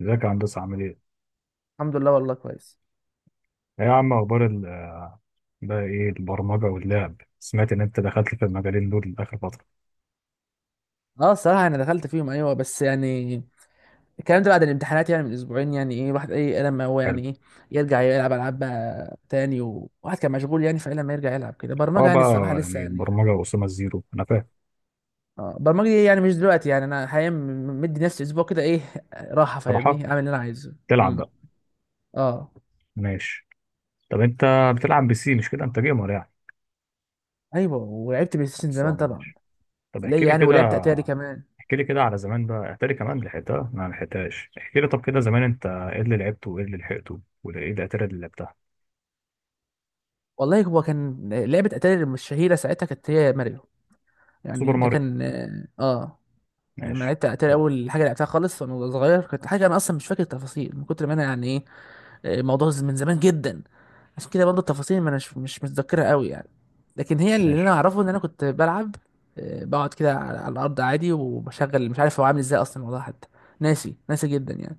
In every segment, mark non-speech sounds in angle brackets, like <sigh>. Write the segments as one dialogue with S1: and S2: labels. S1: ازيك يا هندسة، عامل ايه؟
S2: الحمد لله والله كويس.
S1: ايه يا عم، اخبار بقى ايه البرمجة واللعب؟ سمعت ان انت دخلت في المجالين دول اخر فترة.
S2: اه الصراحه انا دخلت فيهم، ايوه، بس يعني الكلام ده بعد الامتحانات، يعني من اسبوعين، يعني ايه، واحد ايه لما هو يعني
S1: حلو.
S2: ايه يرجع يلعب العاب بقى تاني، وواحد كان مشغول يعني، فإيه لما يرجع يلعب كده برمجه،
S1: اه
S2: يعني
S1: بقى،
S2: الصراحه لسه
S1: يعني
S2: يعني.
S1: البرمجة وأسامة الزيرو انا فاهم.
S2: اه برمجه دي يعني مش دلوقتي، يعني انا حاليا مدي نفسي اسبوع كده ايه راحه،
S1: صراحة
S2: فاهمني، اعمل اللي انا عايزه
S1: تلعب
S2: امم
S1: بقى.
S2: اه
S1: ماشي. طب انت بتلعب بسي، مش كده؟ انت جيمر يعني.
S2: ايوه، ولعبت بلاي ستيشن زمان
S1: خلصانة،
S2: طبعا.
S1: ماشي. طب احكي
S2: ليه
S1: لي
S2: يعني، ولعبت
S1: كده،
S2: اتاري كمان.
S1: احكي لي كده على زمان بقى، احكي لي كمان لحقتها، انا ما لحقتهاش. احكي لي طب كده زمان، انت ايه اللي لعبته، وايه اللي لحقته، وايه الاتاري اللي لعبتها؟
S2: والله هو كان لعبه اتاري الشهيره ساعتها كانت هي ماريو، يعني
S1: سوبر
S2: ده
S1: ماريو.
S2: كان. اه آه. لما
S1: ماشي.
S2: لعبت اتاري
S1: حلو.
S2: اول حاجه لعبتها خالص وانا صغير، كانت حاجه انا اصلا مش فاكر التفاصيل، من كتر ما انا يعني ايه. آه، الموضوع من زمان جدا. عشان كده برضه التفاصيل، ما انا مش متذكرها قوي يعني. لكن هي اللي انا
S1: ماشي.
S2: اعرفه ان انا كنت بلعب. آه، بقعد كده على الارض عادي، وبشغل، مش عارف هو عامل ازاي اصلا الموضوع حتى. ناسي ناسي جدا يعني.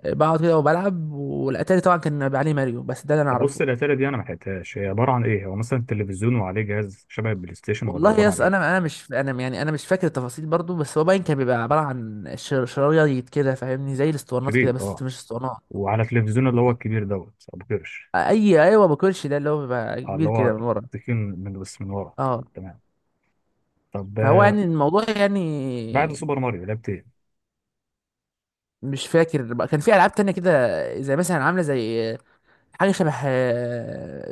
S2: آه، بقعد كده وبلعب، والاتاري طبعا كان بيبقى عليه ماريو، بس ده اللي انا
S1: طب بص،
S2: اعرفه.
S1: الاتاري دي انا ما لحقتهاش، هي عباره عن ايه؟ هو مثلا تلفزيون وعليه جهاز شبه البلاي ستيشن، ولا
S2: والله يا
S1: عباره عن
S2: اسطى،
S1: ايه؟
S2: انا مش، انا يعني انا مش فاكر التفاصيل برضو، بس هو باين كان بيبقى عباره عن شرايط كده فاهمني، زي الاسطوانات كده
S1: شريط،
S2: بس
S1: اه.
S2: مش اسطوانات.
S1: وعلى التلفزيون اللي هو الكبير دوت ابو قرش.
S2: اي ايوه، ما باكلش، ده اللي هو بيبقى
S1: آه، اللي
S2: كبير كده
S1: هو
S2: من ورا.
S1: تكين من، بس من ورا.
S2: اه
S1: تمام. طب
S2: فهو
S1: آه،
S2: يعني الموضوع يعني.
S1: بعد سوبر ماريو لعبت ايه؟
S2: مش فاكر بقى، كان في العاب تانية كده زي مثلا، عامله زي حاجه شبه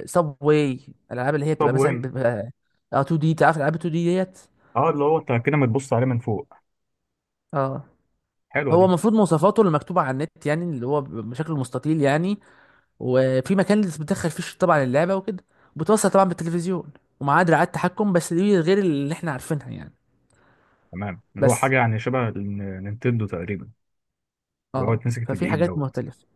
S2: سب واي. الالعاب اللي هي
S1: طب
S2: بتبقى مثلا
S1: وايه؟
S2: بيبقى اه 2 دي، تعرف العاب 2 دي ديت.
S1: اه اللي هو انت كده ما تبص عليه من فوق.
S2: اه
S1: حلوه
S2: هو
S1: دي.
S2: المفروض مواصفاته اللي مكتوبه على النت، يعني اللي هو بشكل مستطيل يعني. وفي مكان اللي بتدخل فيه طبعا اللعبه وكده، بتوصل طبعا بالتلفزيون. ومعاه دراعات تحكم، بس دي غير اللي احنا عارفينها يعني.
S1: تمام، اللي هو
S2: بس
S1: حاجه يعني شبه نينتندو تقريبا، اللي هو
S2: اه،
S1: يتمسك في
S2: ففي
S1: الايد
S2: حاجات
S1: دوت.
S2: مختلفة.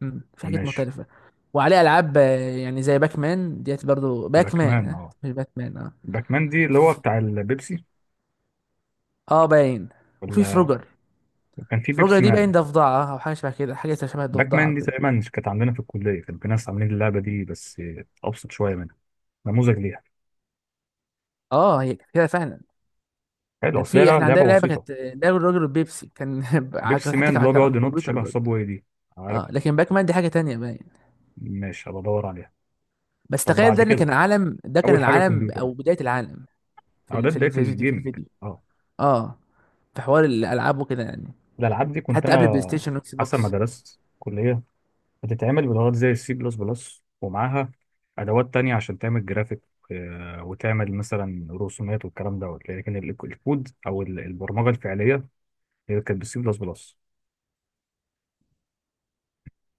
S2: مم. في حاجات
S1: ماشي.
S2: مختلفة. وعليه ألعاب، يعني زي باك مان ديت، برضو باك مان،
S1: باكمان،
S2: ها
S1: اه.
S2: مش بات مان اه
S1: باكمان دي اللي هو
S2: في-
S1: بتاع البيبسي،
S2: اه باين. وفي
S1: ولا
S2: فروجر.
S1: كان في
S2: فروجر
S1: بيبسي
S2: دي
S1: مان؟
S2: باين ضفدعة، أو حاجة شبه كده، حاجة شبه
S1: باك
S2: الضفدعة
S1: مان دي
S2: كده.
S1: تقريبا كانت عندنا في الكليه، كان في ناس عاملين اللعبه دي بس ابسط شويه منها، نموذج ليها.
S2: اه هي كانت كده فعلا.
S1: حلو،
S2: كان
S1: اصل هي
S2: في، احنا عندنا
S1: لعبه
S2: لعبة كانت
S1: بسيطه.
S2: آه، لعبة الراجل والبيبسي، كان <laughs>
S1: بيبسي
S2: حتى
S1: مان
S2: كان
S1: اللي
S2: على
S1: هو
S2: كان على
S1: بيقعد ينط
S2: الكمبيوتر
S1: شبه
S2: برضو.
S1: صابواي دي،
S2: اه
S1: عارف؟
S2: لكن باك مان دي حاجة تانية باين.
S1: ماشي، هبقى ادور عليها.
S2: بس
S1: طب
S2: تخيل
S1: بعد
S2: ده، ان
S1: كده
S2: كان عالم، ده كان
S1: اول حاجه
S2: العالم
S1: كمبيوتر،
S2: أو بداية العالم.
S1: او ده
S2: في
S1: بدايه
S2: الفيديو في
S1: الجيمنج،
S2: الفيديو
S1: اه.
S2: اه في حوار الألعاب وكده يعني.
S1: الالعاب دي كنت
S2: حتى قبل بلاي
S1: انا
S2: ستيشن واكس
S1: حسب ما
S2: بوكس.
S1: درست كليه بتتعمل بلغات زي السي بلس بلس ومعاها ادوات تانية عشان تعمل جرافيك، آه، وتعمل مثلا رسومات والكلام دوت، لكن الكود او البرمجه الفعليه هي كانت بالسي بلس بلس.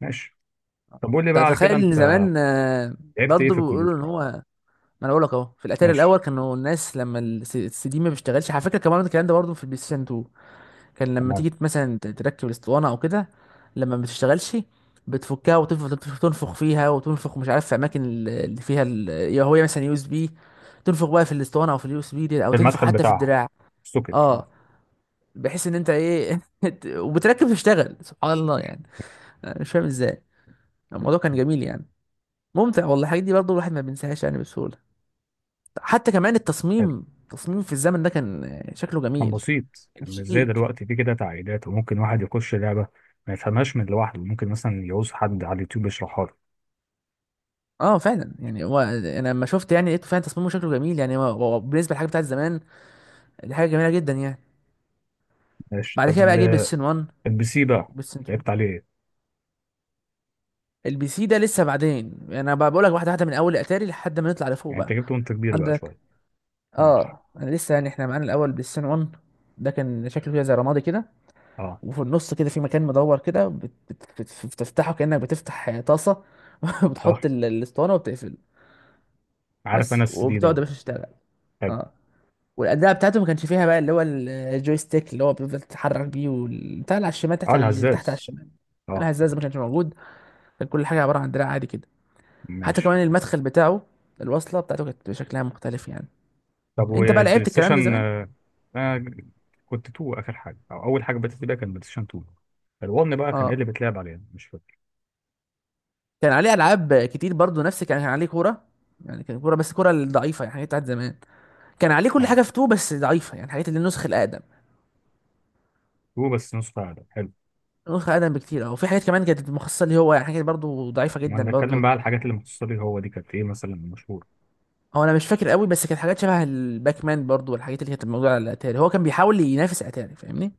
S1: ماشي. طب قول لي بقى على كده،
S2: تخيل ان
S1: انت
S2: زمان.
S1: لعبت ايه
S2: برضه
S1: في
S2: بيقولوا ان
S1: الكمبيوتر؟
S2: هو ما. انا اقول لك اهو، في الاتاري
S1: ماشي.
S2: الاول كانوا الناس لما السي دي ما بيشتغلش، على فكره كمان الكلام ده برضه في البلاي ستيشن 2. كان لما
S1: تمام.
S2: تيجي مثلا تركب الاسطوانه او كده، لما ما بتشتغلش بتفكها، وتفضل تنفخ فيها وتنفخ، مش عارف في اماكن اللي فيها يا، هو مثلا يو اس بي. تنفخ بقى في الاسطوانه، او في اليو اس بي دي، او
S1: في
S2: تنفخ
S1: المدخل
S2: حتى في
S1: بتاعها،
S2: الدراع.
S1: السوكت،
S2: اه،
S1: اه.
S2: بحيث ان انت ايه، <laughs> وبتركب تشتغل، سبحان الله يعني. أنا مش فاهم ازاي. الموضوع كان جميل يعني، ممتع والله. الحاجات دي برضه الواحد ما بينساهاش يعني بسهولة. حتى كمان
S1: حلو،
S2: التصميم التصميم في الزمن ده كان شكله
S1: كان
S2: جميل.
S1: بسيط،
S2: كان
S1: كان مش زي
S2: شيك.
S1: دلوقتي في كده تعقيدات، وممكن واحد يخش لعبه ما يفهمهاش من لوحده، ممكن مثلا يعوز حد على اليوتيوب يشرحها له.
S2: اه فعلا يعني، هو انا لما شفت يعني لقيته فعلا تصميمه شكله جميل، يعني هو هو بالنسبة للحاجة بتاعت زمان، دي حاجة جميلة جدا يعني.
S1: ماشي.
S2: بعد
S1: طب
S2: كده بقى جه بيستن 1
S1: البي سي بقى
S2: وبيستن 2.
S1: لعبت عليه ايه؟
S2: البي سي ده لسه بعدين، يعني انا بقى بقول لك واحدة واحدة، من اول اتاري لحد ما نطلع لفوق
S1: يعني انت
S2: بقى.
S1: جبته وانت كبير بقى
S2: عندك.
S1: شويه. ماشي.
S2: اه انا لسه يعني، احنا معانا الاول بلاي ستيشن 1. ده كان شكله كده زي رمادي كده،
S1: اه.
S2: وفي النص كده في مكان مدور كده بتفتحه كأنك بتفتح طاسة. <laughs>
S1: اه،
S2: بتحط الاسطوانة، وبتقفل
S1: عارف انا
S2: بس،
S1: السي دي
S2: وبتقعد يا
S1: دوت.
S2: باشا تشتغل.
S1: حلو.
S2: اه والأداة بتاعته ما كانش فيها بقى، اللي هو الجويستيك، اللي هو بيفضل تتحرك بيه، والبتاع اللي على الشمال
S1: اه
S2: تحت، على اللي تحت على
S1: الهزاز،
S2: الشمال،
S1: اه.
S2: الهزاز ما كانش موجود. كان كل حاجة عبارة عن دراع عادي كده. حتى
S1: ماشي.
S2: كمان المدخل بتاعه، الوصلة بتاعته كانت شكلها مختلف يعني.
S1: طب
S2: انت بقى
S1: والبلاي
S2: لعبت الكلام ده
S1: ستيشن
S2: زمان؟
S1: آه، انا كنت 2 اخر حاجه، او اول حاجه بدات بيها كان بلاي ستيشن 2. فال1 بقى كان ايه اللي
S2: اه
S1: بيتلعب عليه؟ مش فاكر.
S2: كان عليه ألعاب كتير برضو، نفس، كان عليه كورة، يعني كان كورة بس كورة ضعيفة، يعني حاجات بتاعت زمان. كان عليه كل
S1: اه،
S2: حاجه في 2 بس ضعيفه، يعني حاجات اللي، النسخ الاقدم،
S1: 2 بس نسخه اقل. حلو.
S2: النسخ الاقدم بكتير. او في حاجات كمان كانت مخصصه ليه هو، يعني حاجات برضو ضعيفه
S1: ما
S2: جدا
S1: انا بتكلم
S2: برضو.
S1: بقى على الحاجات اللي مخصصه لي هو، دي كانت ايه مثلا مشهور؟
S2: هو انا مش فاكر قوي، بس كانت حاجات شبه الباك مان برضو، والحاجات اللي كانت موجوده على الاتاري، هو كان بيحاول ينافس اتاري فاهمني.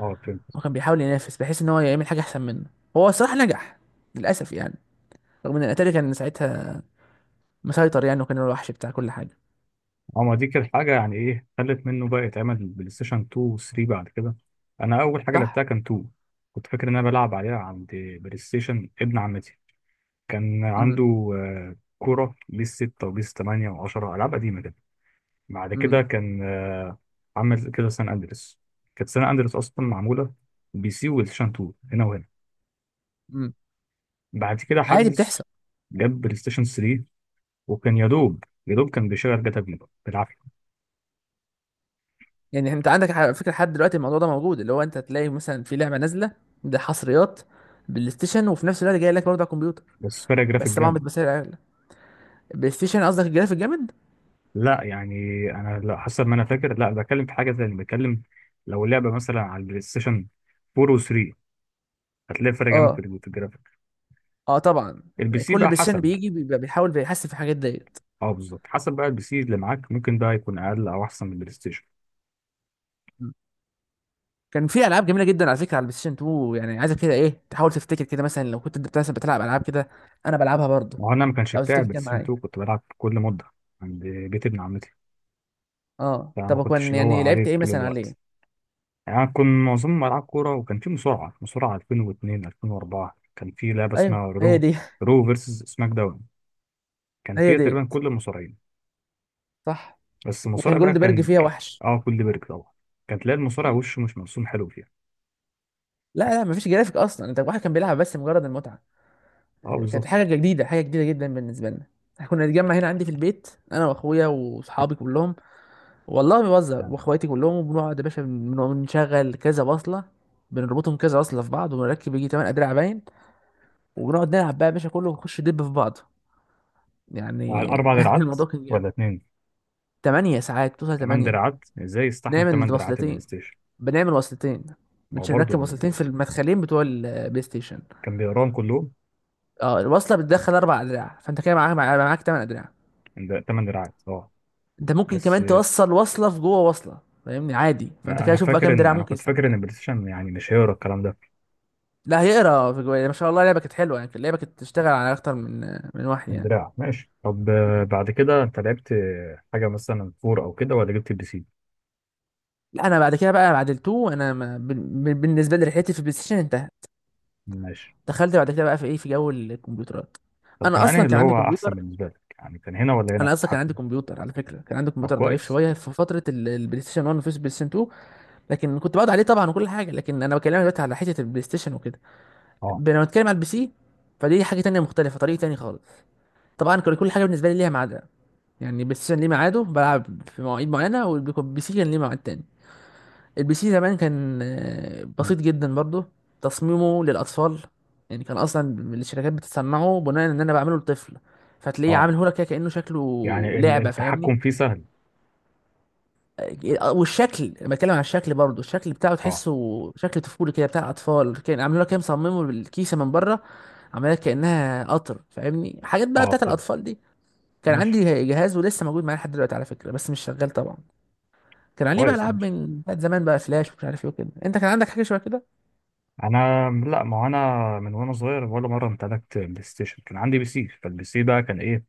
S1: اه، فهمت.
S2: هو كان بيحاول ينافس بحيث ان هو يعمل حاجه احسن منه. هو الصراحه نجح للاسف يعني، رغم ان الاتاري كان ساعتها مسيطر يعني، وكان هو الوحش بتاع كل حاجه.
S1: اه، ما دي كانت حاجه يعني ايه خلت منه بقى يتعمل بلاي ستيشن 2 و 3 بعد كده. انا اول حاجه
S2: صح.
S1: لعبتها كان 2. كنت فاكر ان انا بلعب عليها عند، بلاي ستيشن ابن عمتي كان
S2: امم.
S1: عنده، آه، كوره بيس 6 وبيس 8 و10، العاب قديمه كده. بعد كده
S2: امم.
S1: كان عمل كده سان اندريس، كانت سان اندريس اصلا معموله بي سي، والشان 2 هنا وهنا.
S2: امم.
S1: بعد كده
S2: عادي
S1: حدث
S2: بتحصل.
S1: جاب بلاي ستيشن 3، وكان يا دوب يا دوب كان بيشغل جاتا في، بالعافيه.
S2: يعني انت عندك على فكره لحد دلوقتي الموضوع ده موجود، اللي هو انت تلاقي مثلا في لعبه نازله، ده حصريات بلاي ستيشن، وفي نفس الوقت جاي لك برضه على الكمبيوتر،
S1: بس فرق جرافيك
S2: بس طبعا
S1: جامد.
S2: بتبقى اغلى. بلاي ستيشن قصدك الجرافيك جامد؟
S1: لا يعني، انا لا حسب ما انا فاكر، لا بتكلم في حاجه ثانيه، بتكلم لو لعبه مثلا على البلاي ستيشن 4 و3 هتلاقي فرق جامد في
S2: اه،
S1: في الجرافيك.
S2: اه طبعا.
S1: البي سي
S2: كل
S1: بقى
S2: بلاي ستيشن
S1: حسب.
S2: بيجي بيبقى بيحاول بيحسن في الحاجات ديت.
S1: اه بالظبط، حسب بقى البي سي اللي معاك ممكن ده يكون اقل او احسن من البلاي ستيشن.
S2: م. كان في العاب جميله جدا على فكره على البلاي ستيشن 2، يعني عايزك كده ايه تحاول تفتكر كده، مثلا لو كنت انت مثلا بتلعب العاب كده، انا بلعبها برضه.
S1: ما هو انا ما كانش
S2: لو
S1: بتاعي
S2: تفتكر
S1: بلاي
S2: كان
S1: ستيشن
S2: معايا.
S1: 2، كنت بلعب كل مده عند بيت ابن عمتي.
S2: اه
S1: يعني ما
S2: طب
S1: كنتش
S2: كان
S1: اللي هو
S2: يعني لعبت
S1: عليه
S2: ايه
S1: طول
S2: مثلا
S1: الوقت.
S2: عليه؟
S1: يعني أنا كنت معظم ألعاب كورة، وكان في مصارعة 2002، 2004 كان في لعبة
S2: ايوه
S1: اسمها
S2: هي
S1: رو،
S2: دي.
S1: رو فيرسز سماك داون.
S2: <laughs>
S1: كان
S2: هي
S1: فيها تقريبا
S2: ديت.
S1: كل المصارعين،
S2: صح.
S1: بس
S2: وكان
S1: المصارع بقى
S2: جولد بيرج
S1: كان،
S2: فيها وحش.
S1: اه، كل بيرك طبعا. كان تلاقي المصارع وشه مش مرسوم حلو فيها.
S2: لا لا، مفيش جرافيك اصلا، انت الواحد كان بيلعب بس مجرد المتعه.
S1: اه،
S2: كانت
S1: بالظبط.
S2: حاجه جديده، حاجه جديده جدا بالنسبه لنا. احنا كنا نتجمع هنا عندي في البيت، انا واخويا واصحابي كلهم، والله ما بهزر،
S1: نعم.
S2: واخواتي كلهم. وبنقعد يا باشا بنشغل كذا بصله، بنربطهم كذا بصله في بعض، ونركب يجي 8 ادراع باين. وبنقعد نلعب بقى يا باشا كله، ونخش دب في بعض
S1: على
S2: يعني.
S1: أربع
S2: <laughs>
S1: دراعات
S2: الموضوع كان جامد.
S1: ولا اتنين؟
S2: 8 ساعات توصل
S1: كمان
S2: 8.
S1: دراعات؟ ازاي يستحمل تمن
S2: نعمل
S1: دراعات البلاي
S2: وصلتين.
S1: ستيشن؟
S2: بنعمل وصلتين،
S1: ما هو
S2: مش
S1: برضه
S2: هنركب وصلتين في المدخلين بتوع البلاي ستيشن.
S1: كان بيقراهم كلهم.
S2: اه، الوصله بتدخل 4 ادراع، فانت كده معاك معاك معاك 8 ادراع.
S1: ده تمن دراعات، اه.
S2: انت ممكن
S1: بس
S2: كمان توصل وصله في جوه وصله، فاهمني عادي، فانت
S1: ما
S2: كده
S1: انا
S2: شوف بقى
S1: فاكر
S2: كام
S1: ان
S2: دراع
S1: انا
S2: ممكن
S1: كنت
S2: يستعمل
S1: فاكر ان
S2: معاك.
S1: البلاي ستيشن يعني مش هيقرا الكلام ده.
S2: لا هيقرا في جوه ما شاء الله، اللعبه كانت حلوه يعني، اللعبه كانت تشتغل على اكتر من واحد يعني.
S1: الدراع، ماشي. طب آه،
S2: م.
S1: بعد كده انت لعبت آه، حاجه مثلا فور او كده، ولا جبت البي سي؟
S2: لا انا بعد كده بقى، بعد التو، انا ما بالنسبه لي رحلتي في البلاي ستيشن انتهت.
S1: ماشي.
S2: دخلت بعد كده بقى في ايه، في جو الكمبيوترات.
S1: طب
S2: انا
S1: كان انهي
S2: اصلا
S1: اللي
S2: كان عندي
S1: هو
S2: كمبيوتر،
S1: احسن بالنسبه لك، يعني كان هنا ولا هنا
S2: انا
S1: في
S2: اصلا كان
S1: التحكم؟
S2: عندي كمبيوتر على فكره، كان عندي
S1: طب
S2: كمبيوتر ضعيف
S1: كويس.
S2: شويه في فتره البلاي ستيشن 1 وفي البلاي ستيشن 2. لكن كنت بقعد عليه طبعا وكل حاجه، لكن انا بكلمك دلوقتي على حته البلاي ستيشن وكده.
S1: اه.
S2: لما بتكلم على البي سي، فدي حاجه تانية مختلفه، طريق تاني خالص. طبعا كان كل حاجه بالنسبه لي ليها ميعادها، يعني البلاي ستيشن ليه ميعاده، بلعب في مواعيد معينه، والبي سي كان ليه ميعاد تاني. البي سي زمان كان
S1: مم.
S2: بسيط جدا برضه، تصميمه للاطفال. يعني كان اصلا الشركات بتصنعه بناء ان انا بعمله لطفل، فتلاقيه
S1: اه،
S2: عامل هولك كده كانه شكله
S1: يعني
S2: لعبه، فاهمني.
S1: التحكم فيه سهل.
S2: والشكل، لما اتكلم عن الشكل برضو الشكل بتاعه
S1: اه.
S2: تحسه شكل طفولي كده، بتاع اطفال، كان عاملين لها كده مصممه بالكيسه من بره، عاملها كانها قطر، فاهمني، حاجات بقى
S1: اه،
S2: بتاعت
S1: طب.
S2: الاطفال دي. كان
S1: ماشي.
S2: عندي جهاز ولسه موجود معايا لحد دلوقتي على فكره، بس مش شغال طبعا. كان عليه بقى
S1: كويس،
S2: العاب
S1: ماشي.
S2: من بتاعت زمان بقى، فلاش ومش عارف ايه وكده، انت كان عندك حاجه شبه كده؟
S1: انا لا، ما هو انا من وانا صغير ولا مره امتلكت بلاي ستيشن، كان عندي بي سي. فالبي سي بقى كان ايه؟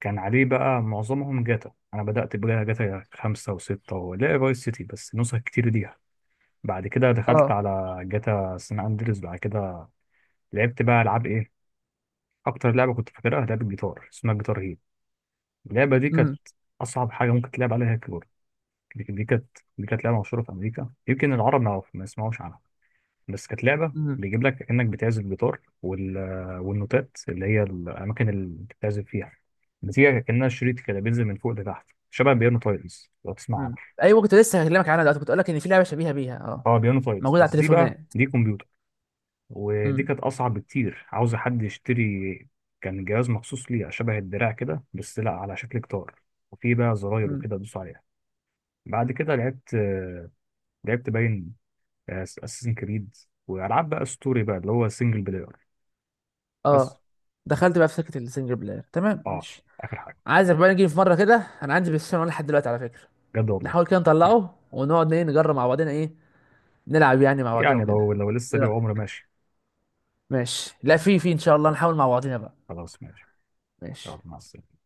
S1: كان عليه بقى معظمهم جاتا. انا بدات بجاتا، جاتا خمسة وستة، ولا فايس سيتي، بس نسخ كتير دي. بعد كده دخلت
S2: اه.
S1: على جاتا سان اندريس. بعد كده لعبت بقى العاب ايه؟ اكتر لعبه كنت فاكرها لعبه جيتار اسمها جيتار هيرو. اللعبه دي كانت
S2: امم.
S1: اصعب حاجه ممكن تلعب عليها كيبورد. دي كانت لعبه مشهوره في امريكا، يمكن العرب ما يسمعوش عنها. بس كانت لعبه
S2: امم.
S1: بيجيب لك انك بتعزف جيتار، والنوتات اللي هي الاماكن اللي بتعزف فيها بتيجي كانها شريط كده، بينزل من فوق لتحت، شبه بيانو تايلز لو تسمع
S2: امم.
S1: عنها.
S2: ايوه كنت لسه هكلمك عنها دلوقتي، كنت اقول لك ان في لعبه شبيهه بيها اه
S1: اه بيانو تايلز،
S2: موجوده على
S1: بس دي بقى
S2: التليفونات.
S1: دي كمبيوتر، ودي
S2: امم.
S1: كانت اصعب بكتير، عاوزه حد يشتري. كان جهاز مخصوص ليه شبه الدراع كده، بس لا، على شكل جيتار، وفيه بقى زراير
S2: امم.
S1: وكده تدوس عليها. بعد كده لعبت آه، لعبت باين اساسن كريد، والعاب بقى ستوري بقى اللي هو سنجل بلاير، بس.
S2: اه دخلت بقى في سكه السنجل بلاير، تمام
S1: اه.
S2: ماشي.
S1: اخر حاجه.
S2: عايزك بقى نيجي في مره كده، انا عندي بلاي ستيشن ولا لحد دلوقتي على فكره.
S1: بجد، والله.
S2: نحاول كده نطلعه، ونقعد ايه، نجرب مع بعضنا، ايه نلعب يعني مع بعضنا
S1: يعني لو
S2: وكده.
S1: لو لسه
S2: ايه
S1: ليه
S2: رايك؟
S1: عمر، ماشي.
S2: ماشي لا، في
S1: ماشي،
S2: في ان شاء الله نحاول مع بعضنا بقى.
S1: خلاص، ماشي.
S2: ماشي.
S1: يلا مع السلامه.